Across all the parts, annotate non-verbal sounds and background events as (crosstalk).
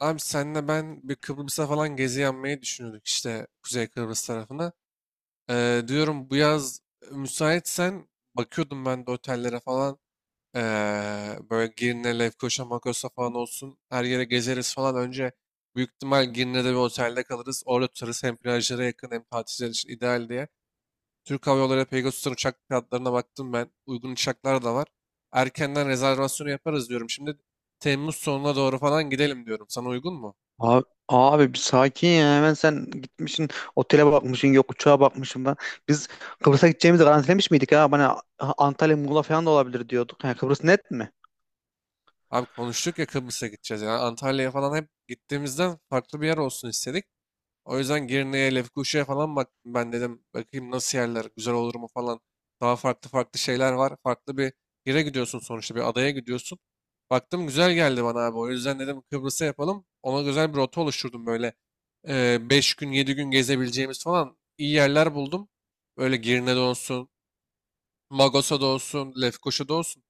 Abi senle ben bir Kıbrıs'a falan gezi yapmayı düşünüyorduk işte Kuzey Kıbrıs tarafına. Diyorum bu yaz müsaitsen bakıyordum ben de otellere falan. Böyle Girne, Lefkoşa, Makos'a falan olsun. Her yere gezeriz falan. Önce büyük ihtimal Girne'de bir otelde kalırız. Orada tutarız hem plajlara yakın hem tatiller için ideal diye. Türk Hava Yolları Pegasus'tan uçak fiyatlarına baktım ben. Uygun uçaklar da var. Erkenden rezervasyonu yaparız diyorum. Şimdi Temmuz sonuna doğru falan gidelim diyorum. Sana uygun mu? Abi, bir sakin ya, hemen sen gitmişsin otele bakmışsın, yok uçağa bakmışsın ben. Biz Kıbrıs'a gideceğimizi garantilemiş miydik, ha? Bana Antalya Muğla falan da olabilir diyorduk. Yani Kıbrıs net mi? Abi konuştuk ya, Kıbrıs'a gideceğiz. Yani Antalya'ya falan hep gittiğimizden farklı bir yer olsun istedik. O yüzden Girne'ye, Lefkoşa'ya falan bak ben dedim, bakayım nasıl yerler, güzel olur mu falan. Daha farklı farklı şeyler var. Farklı bir yere gidiyorsun, sonuçta bir adaya gidiyorsun. Baktım güzel geldi bana abi. O yüzden dedim Kıbrıs'a yapalım. Ona güzel bir rota oluşturdum böyle. Beş gün 7 gün gezebileceğimiz falan iyi yerler buldum. Böyle Girne'de olsun, Magosa'da olsun, Lefkoşa'da olsun.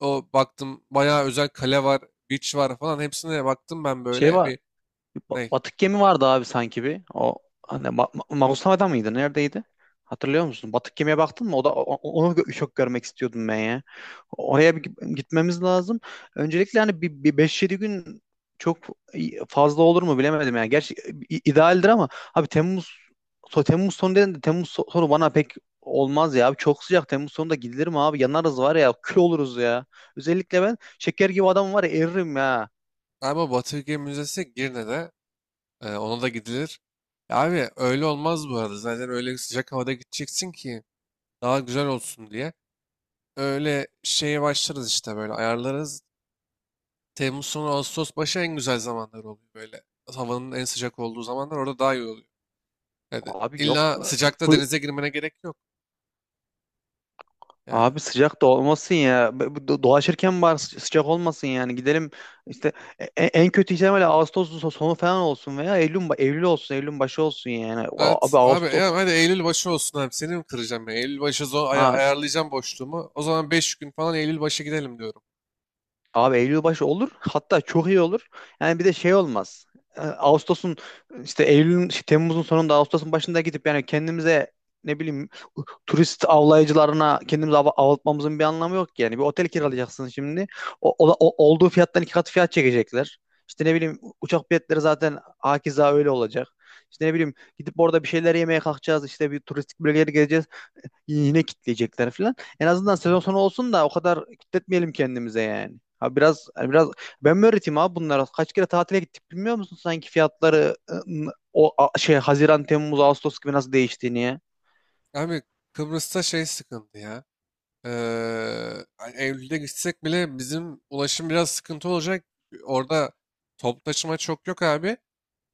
O baktım bayağı özel kale var, beach var falan, hepsine baktım ben Şey böyle var, bir ne, Batık gemi vardı abi sanki, bir. O hani, Magoslava'da mıydı? Neredeydi? Hatırlıyor musun? Batık gemiye baktın mı? O da, onu çok görmek istiyordum ben ya. Oraya bir gitmemiz lazım. Öncelikle hani, bir 5-7 gün çok fazla olur mu bilemedim yani. Gerçi idealdir ama abi, Temmuz sonu dedin de Temmuz sonu bana pek olmaz ya abi. Çok sıcak, Temmuz sonunda gidilir mi abi? Yanarız var ya, kül oluruz ya. Özellikle ben şeker gibi adam var ya, eririm ya. galiba Batı Müzesi Girne'de, ona da gidilir. Ya abi öyle olmaz, bu arada zaten öyle sıcak havada gideceksin ki daha güzel olsun diye. Öyle şeye başlarız işte, böyle ayarlarız. Temmuz sonu Ağustos başı en güzel zamanlar oluyor böyle. Havanın en sıcak olduğu zamanlar orada daha iyi oluyor. Yani Abi yok. illa sıcakta Ee, denize girmene gerek yok yani. Abi sıcak da olmasın ya. Dolaşırken var, sıcak olmasın yani. Gidelim işte, en kötü ihtimalle Ağustos sonu falan olsun veya Eylül olsun, Eylül başı olsun yani. Evet Abi abi Ağustos, ya, hadi Eylül başı olsun abi, seni mi kıracağım ya? Eylül başı zor ha. ayarlayacağım boşluğumu. O zaman 5 gün falan Eylül başı gidelim diyorum. Abi Eylül başı olur. Hatta çok iyi olur. Yani bir de şey olmaz. Ağustos'un işte Eylül'ün şey, Temmuz'un sonunda Ağustos'un başında gidip yani kendimize ne bileyim turist avlayıcılarına kendimizi avlatmamızın bir anlamı yok ki, yani. Bir otel kiralayacaksın şimdi. Olduğu fiyattan iki kat fiyat çekecekler. İşte ne bileyim, uçak biletleri zaten hakeza öyle olacak. İşte ne bileyim, gidip orada bir şeyler yemeye kalkacağız. İşte bir turistik bölgeleri gezeceğiz, yine kitleyecekler falan. En azından sezon sonu olsun da o kadar kitletmeyelim kendimize yani. Ha biraz, hani biraz ben mi öğreteyim abi bunlara? Kaç kere tatile gittik, bilmiyor musun sanki fiyatları, şey Haziran, Temmuz, Ağustos gibi nasıl değiştiğini ya? Abi Kıbrıs'ta şey sıkıntı ya. Ee, Eylül'de gitsek bile bizim ulaşım biraz sıkıntı olacak. Orada toplu taşıma çok yok abi.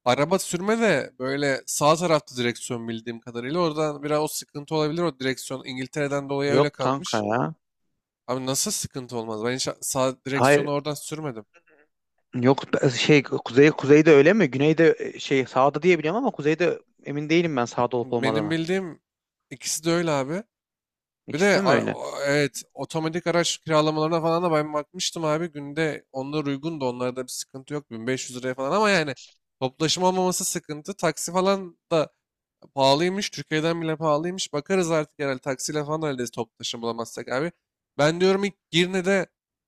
Araba sürme de böyle sağ tarafta direksiyon, bildiğim kadarıyla. Oradan biraz o sıkıntı olabilir. O direksiyon İngiltere'den dolayı öyle Yok kanka kalmış. ya. Abi nasıl sıkıntı olmaz? Ben hiç sağ direksiyonu Hayır oradan sürmedim. yok, şey, kuzeyde öyle mi? Güneyde şey sağda diye biliyorum ama kuzeyde emin değilim ben, sağda olup Benim olmadığına. bildiğim ikisi de öyle abi. Bir İkisi de de mi öyle? Evet, otomatik araç kiralamalarına falan da ben bakmıştım abi. Günde onlar uygun, da onlarda bir sıkıntı yok. 1.500 liraya falan, ama yani toplaşım olmaması sıkıntı. Taksi falan da pahalıymış. Türkiye'den bile pahalıymış. Bakarız artık herhalde, taksiyle falan hallederiz toplu taşıma bulamazsak abi. Ben diyorum ilk Girne'de,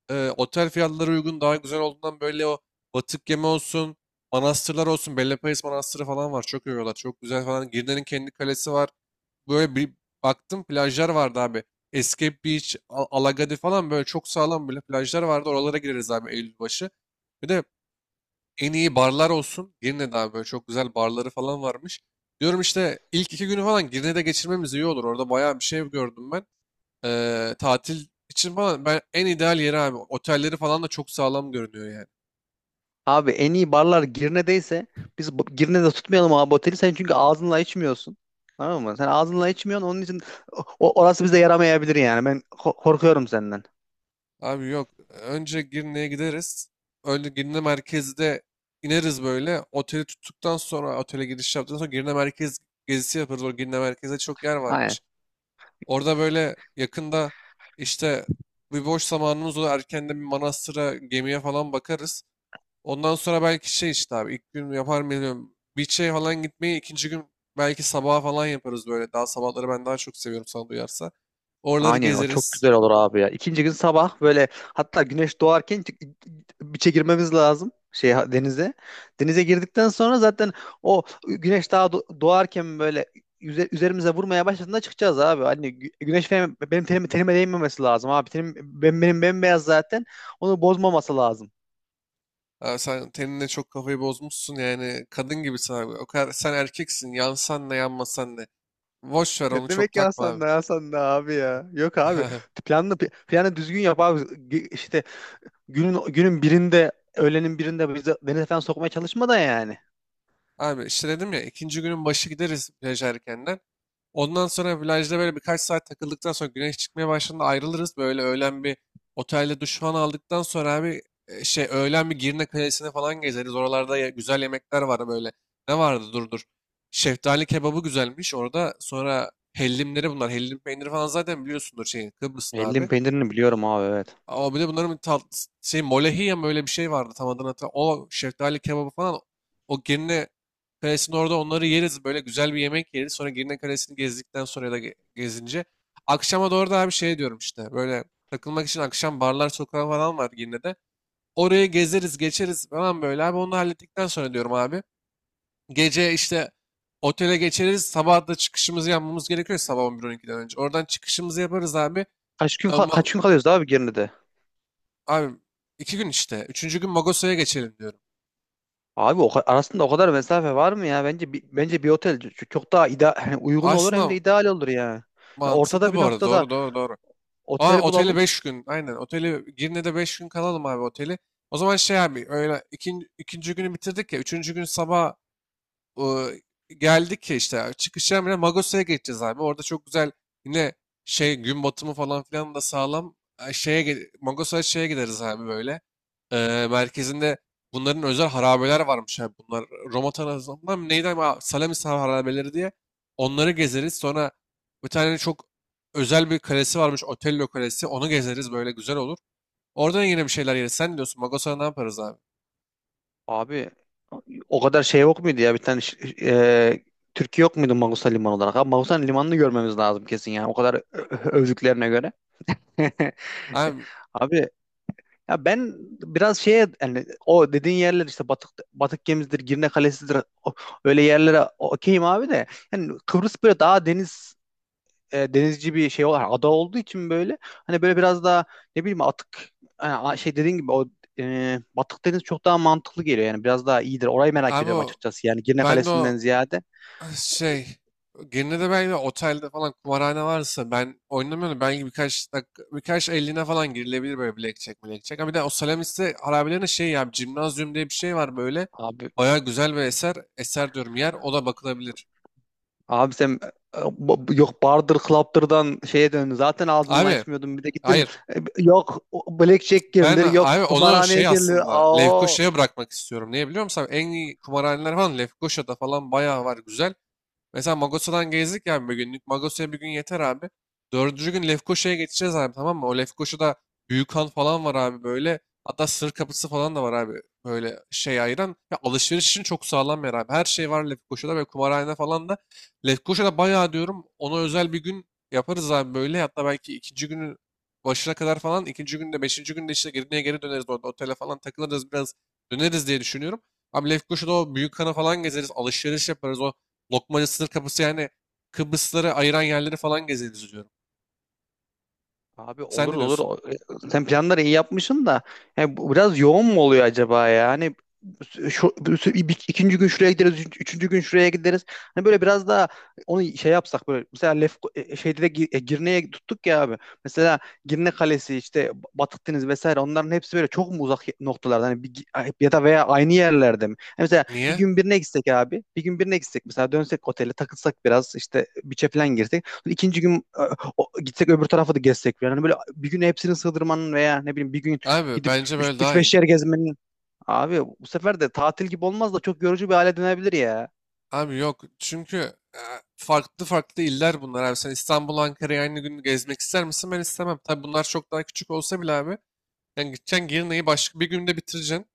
otel fiyatları uygun, daha güzel olduğundan böyle o batık yeme olsun, manastırlar olsun. Bellepayız Manastırı falan var. Çok övüyorlar. Çok güzel falan. Girne'nin kendi kalesi var. Böyle bir baktım plajlar vardı abi. Escape Beach, Alagadi falan böyle çok sağlam böyle plajlar vardı. Oralara gireriz abi Eylül başı. Bir de en iyi barlar olsun. Girne'de abi böyle çok güzel barları falan varmış. Diyorum işte ilk iki günü falan Girne'de geçirmemiz iyi olur. Orada bayağı bir şey gördüm ben. Tatil için falan ben en ideal yeri abi. Otelleri falan da çok sağlam görünüyor yani. Abi en iyi barlar Girne'deyse, biz Girne'de tutmayalım abi oteli. Sen çünkü ağzınla içmiyorsun. Tamam mı? Sen ağzınla içmiyorsun. Onun için orası bize yaramayabilir yani. Ben korkuyorum senden. Abi yok. Önce Girne'ye gideriz. Önce Girne merkezde ineriz böyle. Oteli tuttuktan sonra, otele giriş yaptıktan sonra Girne merkez gezisi yaparız. O Girne merkezde çok yer varmış. Orada böyle yakında işte bir boş zamanımız olur. Erken bir manastıra, gemiye falan bakarız. Ondan sonra belki şey, işte abi ilk gün yapar mıyım? Beach'e falan gitmeyi ikinci gün belki sabaha falan yaparız böyle. Daha sabahları ben daha çok seviyorum, sana duyarsa. Oraları Aynen, o çok gezeriz. güzel olur abi ya. İkinci gün sabah böyle, hatta güneş doğarken biçe girmemiz lazım, şey, denize. Denize girdikten sonra zaten o güneş daha doğarken böyle üzerimize vurmaya başladığında çıkacağız abi. Hani güneş benim tenime değmemesi lazım abi. Tenim, benim bembeyaz zaten. Onu bozmaması lazım. Ha, sen tenine çok kafayı bozmuşsun, yani kadın gibisin abi. O kadar, sen erkeksin, yansan ne yanmasan ne. Boş ver onu, Ne çok demek ya, takma Hasan abi. da Hasan da abi ya. Yok abi. (laughs) Planını Planı düzgün yap abi. İşte günün birinde, öğlenin birinde bizi denize falan sokmaya çalışma da yani. Abi işte dedim ya, ikinci günün başı gideriz plaj erkenden. Ondan sonra plajda böyle birkaç saat takıldıktan sonra, güneş çıkmaya başladığında ayrılırız. Böyle öğlen bir otelde duş falan aldıktan sonra abi, şey öğlen bir Girne Kalesi'ne falan gezeriz. Oralarda güzel yemekler var böyle. Ne vardı, dur dur. Şeftali kebabı güzelmiş orada. Sonra hellimleri bunlar. Hellim peyniri falan zaten biliyorsundur şeyin, Kıbrıs'ın Eldim abi. peynirini biliyorum abi, evet. Ama bir de bunların bir tat, şey molehiye mi, öyle bir şey vardı, tam adını hatırlamıyorum. O şeftali kebabı falan, o Girne Kalesi'nin orada onları yeriz. Böyle güzel bir yemek yeriz. Sonra Girne Kalesi'ni gezdikten sonra ya da gezince. Akşama doğru da bir şey diyorum işte. Böyle takılmak için akşam barlar sokağı falan var Girne'de. Oraya gezeriz geçeriz falan böyle abi. Onu da hallettikten sonra diyorum abi. Gece işte otele geçeriz. Sabah da çıkışımızı yapmamız gerekiyor, sabah 11-12'den önce. Oradan çıkışımızı yaparız abi. Kaç gün, ka- Ama kaç gün kalıyoruz abi Girne'de? abi iki gün işte. Üçüncü gün Magosa'ya geçelim diyorum. Abi o, arasında o kadar mesafe var mı ya? Bence bir otel çok daha ida (laughs) hani uygun olur hem de Aslında ideal olur ya. Ya, ortada mantıklı bir bu arada. noktada Doğru doğru doğru. Aa, otel oteli bulalım. beş gün. Aynen. Oteli Girne'de beş gün kalalım abi, oteli. O zaman şey abi, öyle ikinci günü bitirdik ya. Üçüncü gün sabah o, geldik ya işte çıkışa bile, Magosa'ya geçeceğiz abi. Orada çok güzel yine şey gün batımı falan filan da sağlam. Şeye, Magosa'ya şeye gideriz abi böyle. Merkezinde bunların özel harabeler varmış abi. Bunlar Roma tarafından neydi, ama Salamis harabeleri diye. Onları gezeriz. Sonra bir tane çok özel bir kalesi varmış, Otello Kalesi. Onu gezeriz, böyle güzel olur. Orada yine bir şeyler yeriz. Sen ne diyorsun, Magosa'ya ne yaparız abi? Abi o kadar şey yok muydu ya, bir tane e, Türkiye yok muydu Magusa Limanı olarak? Abi Magusa Limanı'nı görmemiz lazım kesin, yani o kadar övdüklerine göre. (laughs) Abi, Abi, ya ben biraz şeye, yani o dediğin yerler işte Batık Gemisidir, Girne Kalesi'dir, o- öyle yerlere okeyim abi de yani Kıbrıs böyle daha deniz, denizci bir şey olarak ada olduğu için, böyle hani böyle biraz daha ne bileyim atık, yani şey dediğin gibi, o, Batık Deniz çok daha mantıklı geliyor yani, biraz daha iyidir. Orayı merak abi ediyorum o, açıkçası, yani Girne ben de o Kalesi'nden ziyade. şey, gene de belki otelde falan kumarhane varsa, ben oynamıyorum. Belki birkaç dakika, birkaç elline falan girilebilir böyle, blackjack. Ama bir de o Salamis'te harabelerine şey ya, Cimnazyum diye bir şey var böyle. Abi, Baya güzel bir eser, eser diyorum yer, o da bakılabilir. Sen, yok bardır klaptırdan şeye döndün. Zaten ağzından Abi, açmıyordun. Bir de gittin, hayır. Yok blackjack Ben girilir, abi yok onu kumarhaneye şey girilir. aslında Aa. Lefkoşa'ya bırakmak istiyorum. Niye biliyor musun abi? En iyi kumarhaneler falan Lefkoşa'da falan bayağı var, güzel. Mesela Magosa'dan gezdik ya bir günlük. Magosa'ya bir gün yeter abi. Dördüncü gün Lefkoşa'ya geçeceğiz abi, tamam mı? O Lefkoşa'da büyük han falan var abi böyle. Hatta sır kapısı falan da var abi. Böyle şey ayıran. Ya alışveriş için çok sağlam bir yer abi. Her şey var Lefkoşa'da, ve kumarhane falan da. Lefkoşa'da bayağı diyorum, ona özel bir gün yaparız abi böyle. Hatta belki ikinci günün başına kadar falan. İkinci günde, beşinci günde işte geriye geri döneriz orada. Otele falan takılırız biraz, döneriz diye düşünüyorum. Abi Lefkoşa'da o büyük Büyükhan'a falan gezeriz. Alışveriş yaparız. O Lokmaca sınır kapısı, yani Kıbrısları ayıran yerleri falan gezeriz diyorum. Abi Sen olur ne olur. diyorsun? Sen planları iyi yapmışsın da yani, bu biraz yoğun mu oluyor acaba ya? Hani, şu, ikinci gün şuraya gideriz, üçüncü gün şuraya gideriz. Hani böyle biraz daha onu şey yapsak, böyle mesela şeyde de Girne'ye tuttuk ya abi. Mesela Girne Kalesi, işte Batık Deniz vesaire, onların hepsi böyle çok mu uzak noktalarda hani, bir, ya da veya aynı yerlerde mi? Hani mesela bir Niye? gün birine gitsek abi. Bir gün birine gitsek, mesela dönsek otele takılsak biraz, işte biçe falan girsek. İkinci gün gitsek öbür tarafa da gezsek falan. Hani böyle bir gün hepsini sığdırmanın, veya ne bileyim bir gün Abi gidip bence böyle daha iyi. 3-5 yer gezmenin. Abi bu sefer de tatil gibi olmaz da çok yorucu bir hale dönebilir ya. Abi yok, çünkü e, farklı farklı iller bunlar abi. Sen İstanbul, Ankara'yı aynı gün gezmek ister misin? Ben istemem. Tabii bunlar çok daha küçük olsa bile abi. Yani gideceksin Girne'yi başka bir günde bitireceksin,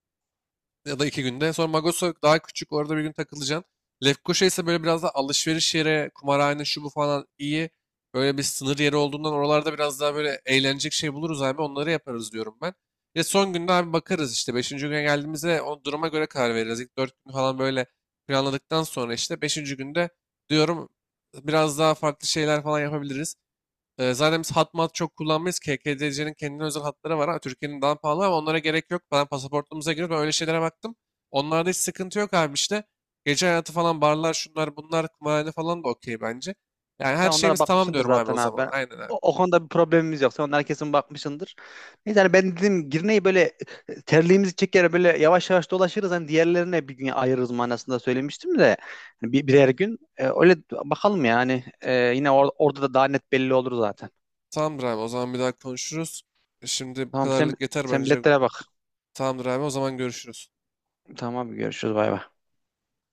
ya da iki günde. Sonra Magoso daha küçük, orada bir gün takılacaksın. Lefkoşa ise böyle biraz da alışveriş yeri, kumarhane, şu bu falan iyi. Böyle bir sınır yeri olduğundan, oralarda biraz daha böyle eğlenecek şey buluruz abi, onları yaparız diyorum ben. Ve son günde abi bakarız işte, beşinci güne geldiğimizde o duruma göre karar veririz. İlk 4 gün falan böyle planladıktan sonra, işte beşinci günde diyorum biraz daha farklı şeyler falan yapabiliriz. Zaten biz hat mat çok kullanmayız. KKDC'nin kendine özel hatları var. Ha, Türkiye'nin daha pahalı, ama onlara gerek yok. Ben pasaportumuza giriyor. Ben öyle şeylere baktım. Onlarda hiç sıkıntı yok abi işte. Gece hayatı falan, barlar şunlar bunlar kumarhane falan da okey bence. Yani Sen her onlara şeyimiz tamam bakmışsındır diyorum abi, o zaten abi. zaman. Ben, Aynen abi. O konuda bir problemimiz yok. Sen onlara kesin bakmışsındır. Neyse hani, ben dedim Girne'yi böyle, terliğimizi çeker böyle yavaş yavaş dolaşırız. Hani diğerlerine bir gün ayırırız manasında söylemiştim de. Hani birer gün. Öyle bakalım yani. Yine orada da daha net belli olur zaten. Tamamdır abi, o zaman bir daha konuşuruz. Şimdi bu Tamam, sen, kadarlık yeter bence. biletlere bak. Tamamdır abi, o zaman görüşürüz. Tamam, görüşürüz, bay bay.